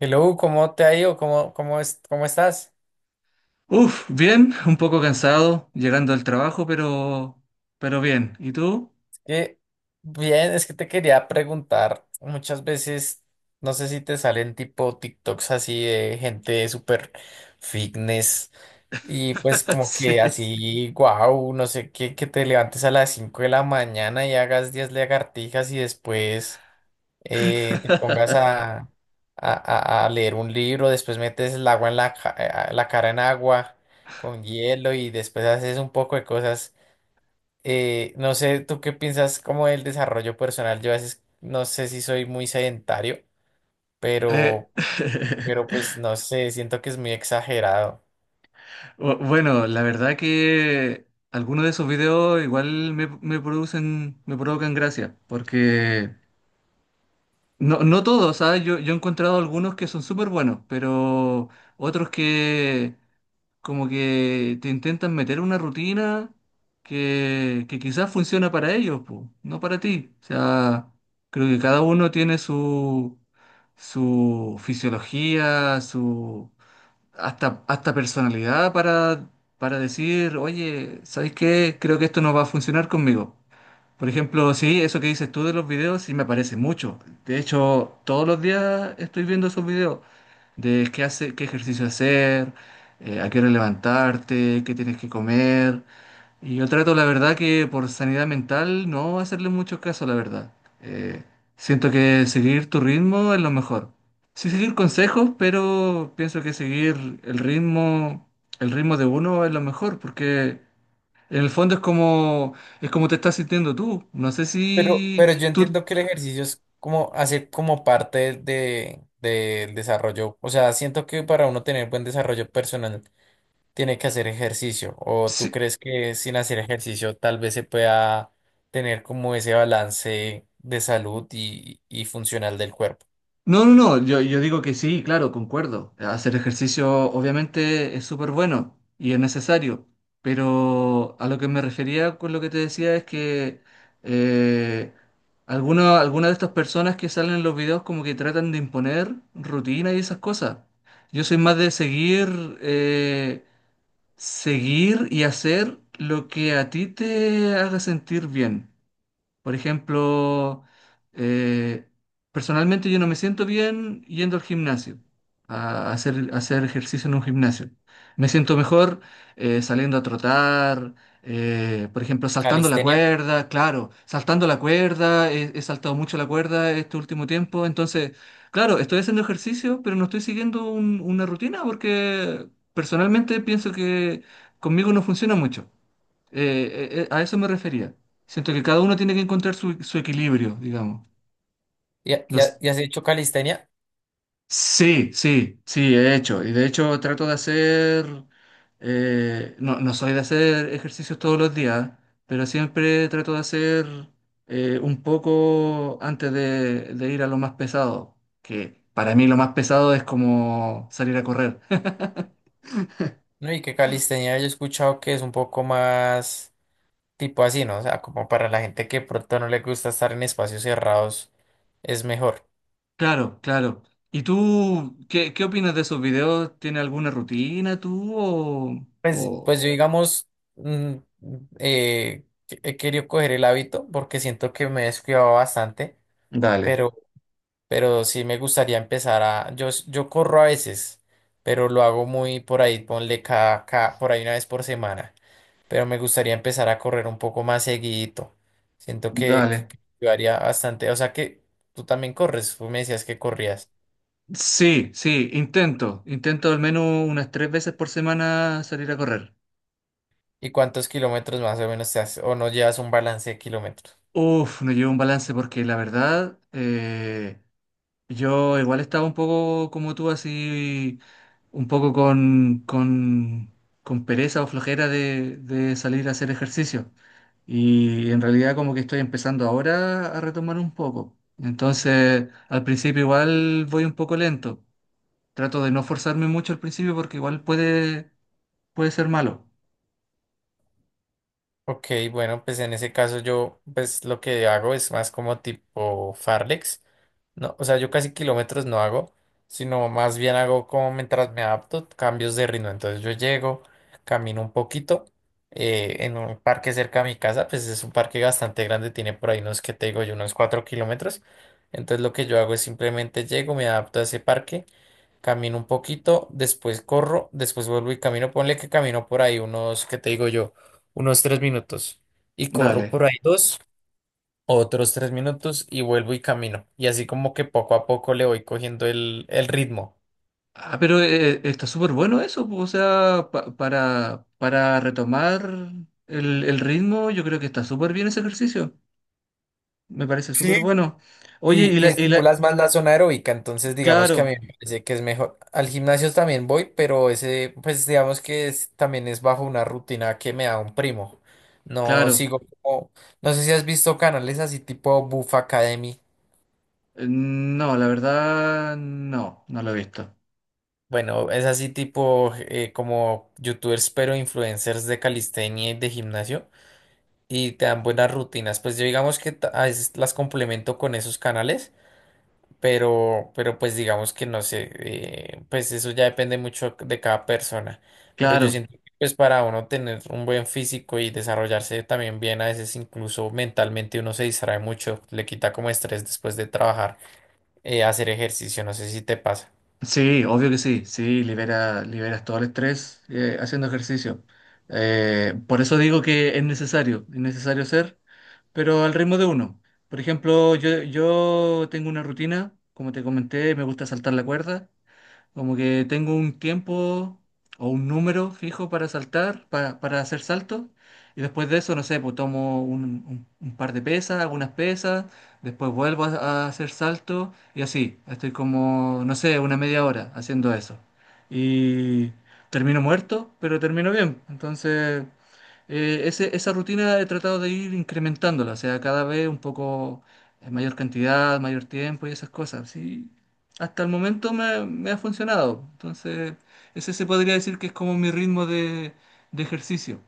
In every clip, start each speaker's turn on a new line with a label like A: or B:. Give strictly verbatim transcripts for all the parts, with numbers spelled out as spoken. A: Hello, ¿cómo te ha ido? ¿Cómo, cómo es, cómo estás?
B: Uf, bien, un poco cansado llegando al trabajo, pero, pero bien. ¿Y tú?
A: Que bien, es que te quería preguntar, muchas veces, no sé si te salen tipo TikToks así de gente súper fitness y pues como que
B: Sí.
A: así, wow, no sé, qué, que te levantes a las cinco de la mañana y hagas diez lagartijas y después eh, te pongas a, a, a- a leer un libro, después metes el agua en la, ca- eh, la cara en agua con hielo y después haces un poco de cosas. Eh, no sé, ¿tú qué piensas como del desarrollo personal? Yo a veces no sé si soy muy sedentario,
B: Eh,
A: pero, pero pues no sé, siento que es muy exagerado.
B: bu- bueno, la verdad que algunos de esos videos igual me, me producen, me provocan gracia, porque no, no todos, ¿sabes? Yo, yo he encontrado algunos que son súper buenos, pero otros que, como que te intentan meter una rutina que, que quizás funciona para ellos, po, no para ti. O sea, creo que cada uno tiene su, su fisiología, su hasta, hasta personalidad para, para decir, oye, ¿sabes qué? Creo que esto no va a funcionar conmigo. Por ejemplo, sí, eso que dices tú de los videos, sí me aparece mucho. De hecho, todos los días estoy viendo esos videos de qué hace, qué ejercicio hacer, eh, a qué hora levantarte, qué tienes que comer. Y yo trato, la verdad, que por sanidad mental no hacerle mucho caso, la verdad. Eh, siento que seguir tu ritmo es lo mejor. Sí seguir consejos, pero pienso que seguir el ritmo, el ritmo de uno es lo mejor, porque en el fondo es como, es como te estás sintiendo tú. No sé
A: Pero,
B: si
A: pero yo
B: tú...
A: entiendo que el ejercicio es como hace como parte de, del desarrollo. O sea, siento que para uno tener buen desarrollo personal tiene que hacer ejercicio. ¿O tú
B: si-
A: crees que sin hacer ejercicio tal vez se pueda tener como ese balance de salud y, y funcional del cuerpo?
B: No, no, no, yo, yo digo que sí, claro, concuerdo. Hacer ejercicio obviamente es súper bueno y es necesario, pero a lo que me refería con lo que te decía es que eh, alguna- algunas de estas personas que salen en los videos como que tratan de imponer rutina y esas cosas. Yo soy más de seguir... eh, seguir y hacer lo que a ti te haga sentir bien. Por ejemplo, eh, personalmente yo no me siento bien yendo al gimnasio, a hacer, a hacer ejercicio en un gimnasio. Me siento mejor eh, saliendo a trotar, eh, por ejemplo, saltando la
A: Calistenia.
B: cuerda, claro, saltando la cuerda, he, he saltado mucho la cuerda este último tiempo, entonces, claro, estoy haciendo ejercicio, pero no estoy siguiendo un- una rutina porque personalmente pienso que conmigo no funciona mucho. Eh, eh, eh, a eso me refería. Siento que cada uno tiene que encontrar su, su equilibrio, digamos.
A: ¿Y, ha-
B: No
A: y ha-
B: s-
A: y has hecho calistenia?
B: Sí, sí, sí, he hecho. Y de hecho trato de hacer, eh, no, no soy de hacer ejercicios todos los días, pero siempre trato de hacer eh, un poco antes de, de ir a lo más pesado, que para mí lo más pesado es como salir a correr.
A: No, y que calistenia yo he escuchado que es un poco más tipo así, ¿no? O sea, como para la gente que pronto no le gusta estar en espacios cerrados, es mejor.
B: Claro, claro. ¿Y tú qué, qué opinas de esos videos? ¿Tiene alguna rutina tú o,
A: Pues,
B: o,
A: pues yo, digamos, mm, eh, que- he querido coger el hábito porque siento que me he descuidado bastante,
B: dale,
A: pero, pero sí me gustaría empezar a. Yo, s- yo corro a veces, pero lo hago muy por ahí, ponle cada, cada- por ahí una vez por semana. Pero me gustaría empezar a correr un poco más seguidito. Siento que,
B: dale.
A: que, que ayudaría bastante. O sea que tú también corres, tú me decías que corrías.
B: Sí, sí, intento. Intento al menos unas tres veces por semana salir a correr.
A: ¿Y cuántos kilómetros más o menos te haces? ¿O no llevas un balance de kilómetros?
B: Uf, no llevo un balance porque la verdad, eh, yo igual estaba un poco como tú, así, un poco con, con, con pereza o flojera de, de salir a hacer ejercicio. Y en realidad como que estoy empezando ahora a retomar un poco. Entonces, al principio igual voy un poco lento. Trato de no forzarme mucho al principio porque igual puede, puede ser malo.
A: Ok, bueno, pues en ese caso yo, pues lo que hago es más como tipo Farlex. No, o sea, yo casi kilómetros no hago, sino más bien hago como mientras me adapto, cambios de ritmo. Entonces yo llego, camino un poquito eh, en un parque cerca de mi casa, pues es un parque bastante grande, tiene por ahí unos, que te digo yo, unos cuatro kilómetros. Entonces lo que yo hago es simplemente llego, me adapto a ese parque, camino un poquito, después corro, después vuelvo y camino. Ponle que camino por ahí unos, ¿que te digo yo? Unos tres minutos y corro
B: Dale.
A: por ahí dos, otros tres minutos y vuelvo y camino. Y así como que poco a poco le voy cogiendo el, el ritmo.
B: Ah, pero eh, está súper bueno eso, po, o sea, pa- para, para retomar el, el ritmo, yo creo que está súper bien ese ejercicio. Me parece súper
A: Sí.
B: bueno. Oye, y
A: Y, y
B: la, y la...
A: estimulas más la zona aeróbica, entonces digamos que a mí
B: Claro,
A: me parece que es mejor. Al gimnasio también voy, pero ese, pues digamos que es- también es bajo una rutina que me da un primo. No
B: claro.
A: sigo como, no sé si has visto canales así tipo Buff Academy.
B: Eh, no, la verdad, no, no lo he visto.
A: Bueno, es así tipo eh, como youtubers, pero influencers de calistenia y de gimnasio. Y te dan buenas rutinas. Pues yo digamos que ta- a veces las complemento con esos canales, pero, pero pues digamos que no sé, eh, pues eso ya depende mucho de cada persona. Pero yo
B: Claro.
A: siento que pues para uno tener un buen físico y desarrollarse también bien, a veces incluso mentalmente uno se distrae mucho, le quita como estrés después de trabajar, eh, hacer ejercicio, no sé si te pasa.
B: Sí, obvio que sí, sí, libera, liberas todo el estrés eh, haciendo ejercicio. Eh, por eso digo que es necesario, es necesario hacer, pero al ritmo de uno. Por ejemplo, yo, yo tengo una rutina, como te comenté, me gusta saltar la cuerda. Como que tengo un tiempo o un número fijo para saltar, para, para hacer saltos. Y después de eso, no sé, pues tomo un, un- un par de pesas, algunas pesas, después vuelvo a, a hacer salto y así. Estoy como, no sé, una media hora haciendo eso. Y termino muerto, pero termino bien. Entonces, eh, ese- esa rutina he tratado de ir incrementándola, o sea, cada vez un poco eh, mayor cantidad, mayor tiempo y esas cosas. Sí, hasta el momento me, me ha funcionado. Entonces, ese se podría decir que es como mi ritmo de, de ejercicio.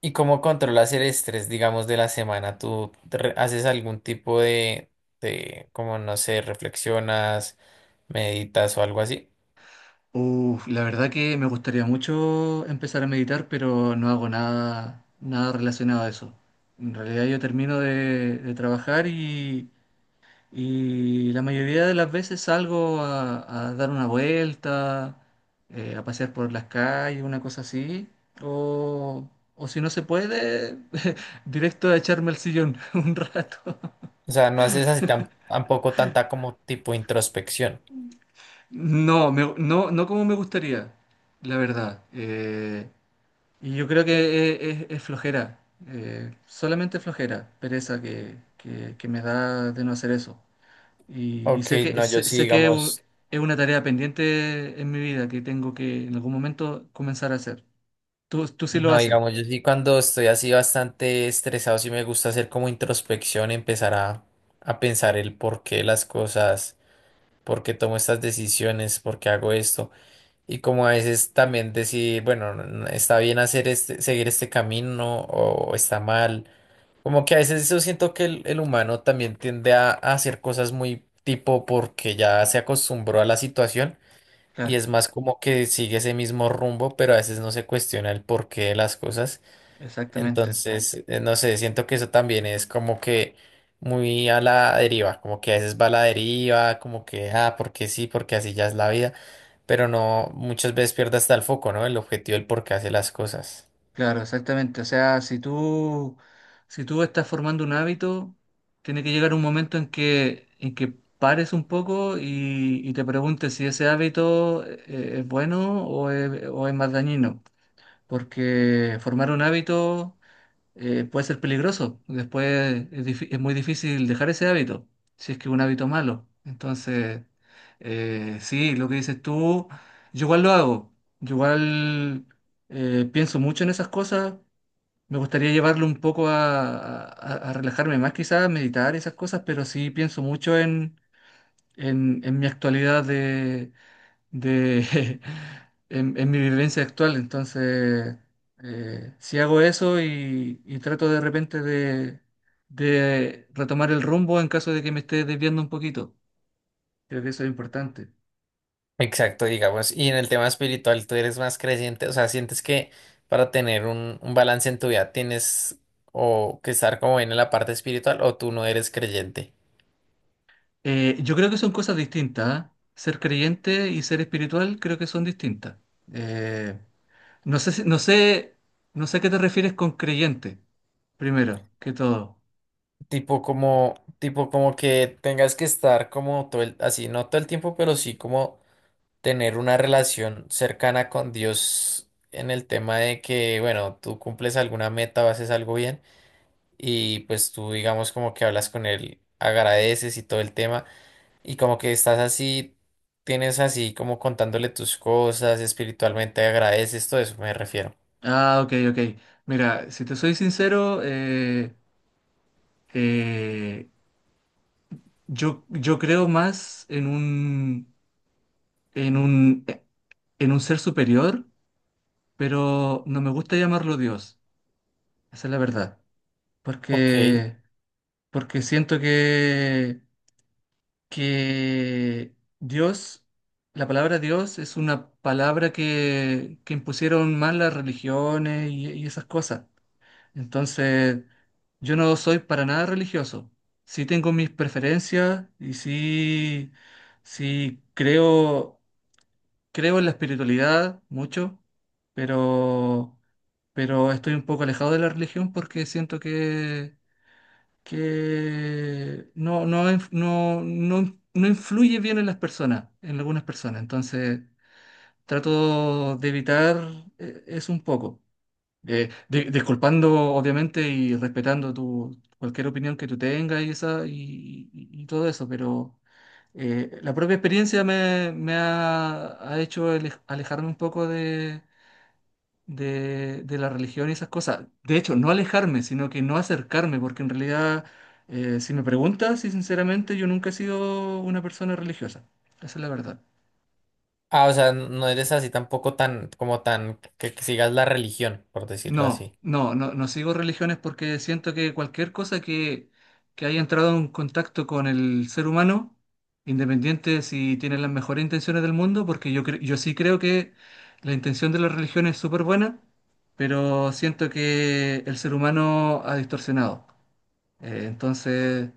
A: ¿Y cómo controlas el estrés, digamos, de la semana? ¿Tú te re- haces algún tipo de, de, como no sé, reflexionas, meditas o algo así?
B: Uf, la verdad que me gustaría mucho empezar a meditar, pero no hago nada, nada relacionado a eso. En realidad yo termino de, de trabajar y, Y la mayoría de las veces salgo a, a dar una vuelta, eh, a pasear por las calles, una cosa así. O, o si no se puede, directo a echarme al sillón un rato.
A: O sea, no haces así tan, tampoco tanta como tipo introspección.
B: No, me- no, no como me gustaría, la verdad. Eh, y yo creo que es, es- es flojera, eh, solamente flojera, pereza que, que, que me da de no hacer eso. Y, y
A: Ok,
B: sé que,
A: no, yo
B: sé,
A: sí,
B: sé que u-
A: digamos,
B: es una tarea pendiente en mi vida que tengo que en algún momento comenzar a hacer. Tú, tú sí lo
A: no,
B: haces.
A: digamos, yo sí cuando estoy así bastante estresado, sí me gusta hacer como introspección, empezar a, a pensar el por qué las cosas, por qué tomo estas decisiones, por qué hago esto. Y como a veces también decir, bueno, n- está bien hacer este, seguir este camino o está mal. Como que a veces yo siento que el, el humano también tiende a, a hacer cosas muy tipo porque ya se acostumbró a la situación y
B: Claro,
A: es más como que sigue ese mismo rumbo, pero a veces no se cuestiona el porqué de las cosas.
B: exactamente.
A: Entonces, eh, no sé, siento que eso también es como que muy a la deriva, como que a veces va a la deriva, como que, ah, porque sí, porque así ya es la vida, pero no, muchas veces pierde hasta el foco, ¿no? El objetivo, el por qué hace las cosas.
B: Claro, exactamente. O sea, si tú, si tú estás formando un hábito, tiene que llegar un momento en que, en que pares un poco y, y te preguntes si ese hábito eh, es bueno o es, o es más dañino. Porque formar un hábito eh, puede ser peligroso. Después es, difí- es muy difícil dejar ese hábito, si es que es un hábito malo. Entonces, eh, sí, lo que dices tú, yo igual lo hago. Yo igual eh, pienso mucho en esas cosas. Me gustaría llevarlo un poco a, a- a relajarme más, quizás, a meditar y esas cosas, pero sí pienso mucho en, en, en mi actualidad de, en, en mi vivencia actual. Entonces, eh, si hago eso y, y trato de repente de, de retomar el rumbo en caso de que me esté desviando un poquito, creo que eso es importante.
A: Exacto, digamos. Y en el tema espiritual, ¿tú eres más creyente? O sea, ¿sientes que para tener un, un balance en tu vida tienes o que estar como bien en la parte espiritual o tú no eres creyente?
B: Eh, yo creo que son cosas distintas, ¿ah? Ser creyente y ser espiritual creo que son distintas. Eh, no sé, si- no sé, no sé a qué te refieres con creyente, primero que todo.
A: Tipo como, tipo como que tengas que estar como todo el, así, no todo el tiempo, pero sí como tener una relación cercana con Dios en el tema de que, bueno, tú cumples alguna meta o haces algo bien y pues tú digamos como que hablas con él, agradeces y todo el tema. Y como que estás así, tienes así como contándole tus cosas, espiritualmente agradeces, todo eso me refiero.
B: Ah, ok, ok. Mira, si te soy sincero, eh, Eh, yo, yo creo más en un, en un, eh, en un ser superior, pero no me gusta llamarlo Dios. Esa es la verdad.
A: Ok.
B: Porque, porque siento que, que Dios, la palabra Dios es una palabra que, que impusieron más las religiones y, y esas cosas. Entonces, yo no soy para nada religioso. Sí tengo mis preferencias y sí, sí creo, creo en la espiritualidad mucho, pero, pero estoy un poco alejado de la religión porque siento que, que no, no, inf- no, no, no influye bien en las personas, en algunas personas. Entonces, trato de evitar eh, eso un poco. Eh, di- disculpando, obviamente, y respetando tu, cualquier opinión que tú tengas y, esa, y, y- y todo eso, pero eh, la propia experiencia me, me ha, ha hecho ale- alejarme un poco de, de, de la religión y esas cosas. De hecho, no alejarme, sino que no acercarme, porque en realidad, eh, si me preguntas, y sinceramente, yo nunca he sido una persona religiosa. Esa es la verdad.
A: Ah, o sea, no eres así tampoco tan, como tan, que, que sigas la religión, por decirlo
B: No,
A: así.
B: no, no, no sigo religiones porque siento que cualquier cosa que, que haya entrado en contacto con el ser humano, independiente de si tiene las mejores intenciones del mundo, porque yo, cre- yo sí creo que la intención de la religión es súper buena, pero siento que el ser humano ha distorsionado. Eh, entonces,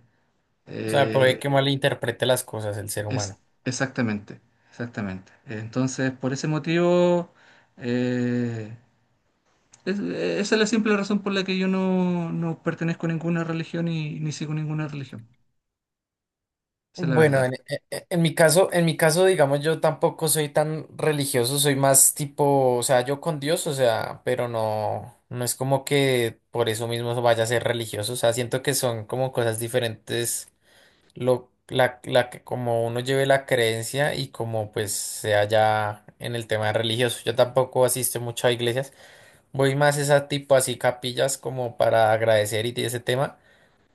A: O sea, puede
B: eh,
A: que malinterprete las cosas el ser
B: es
A: humano.
B: exactamente, exactamente. Entonces, por ese motivo... eh, Es- esa es la simple razón por la que yo no, no pertenezco a ninguna religión y ni sigo ninguna religión. Esa es la
A: Bueno,
B: verdad.
A: en, e- e- en mi caso, en mi caso, digamos, yo tampoco soy tan religioso, soy más tipo, o sea, yo con Dios, o sea, pero no, no es como que por eso mismo vaya a ser religioso, o sea, siento que son como cosas diferentes lo, la, la, que- como uno lleve la creencia y como pues sea ya en el tema religioso. Yo tampoco asisto mucho a iglesias, voy más esa tipo así capillas como para agradecer y de ese tema,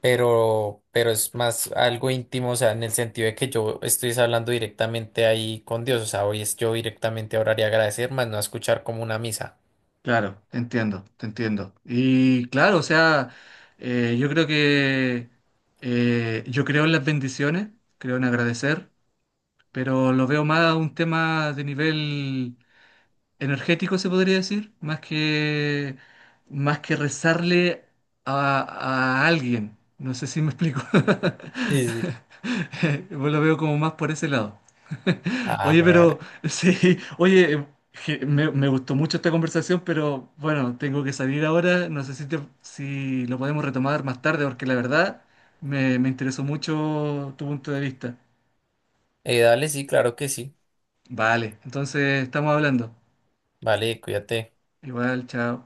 A: pero, pero es más algo íntimo, o sea, en el sentido de que yo estoy hablando directamente ahí con Dios, o sea, hoy es yo directamente a orar y agradecer, más no a escuchar como una misa.
B: Claro, te entiendo, te entiendo. Y claro, o sea, eh, yo creo que eh, yo creo en las bendiciones, creo en agradecer, pero lo veo más a un tema de nivel energético se podría decir, más que, más que rezarle a, a alguien. No sé si me explico.
A: Sí, sí.
B: Yo lo veo como más por ese lado.
A: Ah,
B: Oye, pero
A: vale.
B: sí, oye, je- me, me gustó mucho esta conversación, pero bueno, tengo que salir ahora. No sé si, te- si lo podemos retomar más tarde, porque la verdad me, me interesó mucho tu punto de vista.
A: Eh, dale, sí, claro que sí.
B: Vale, entonces estamos hablando.
A: Vale, cuídate.
B: Igual, chao.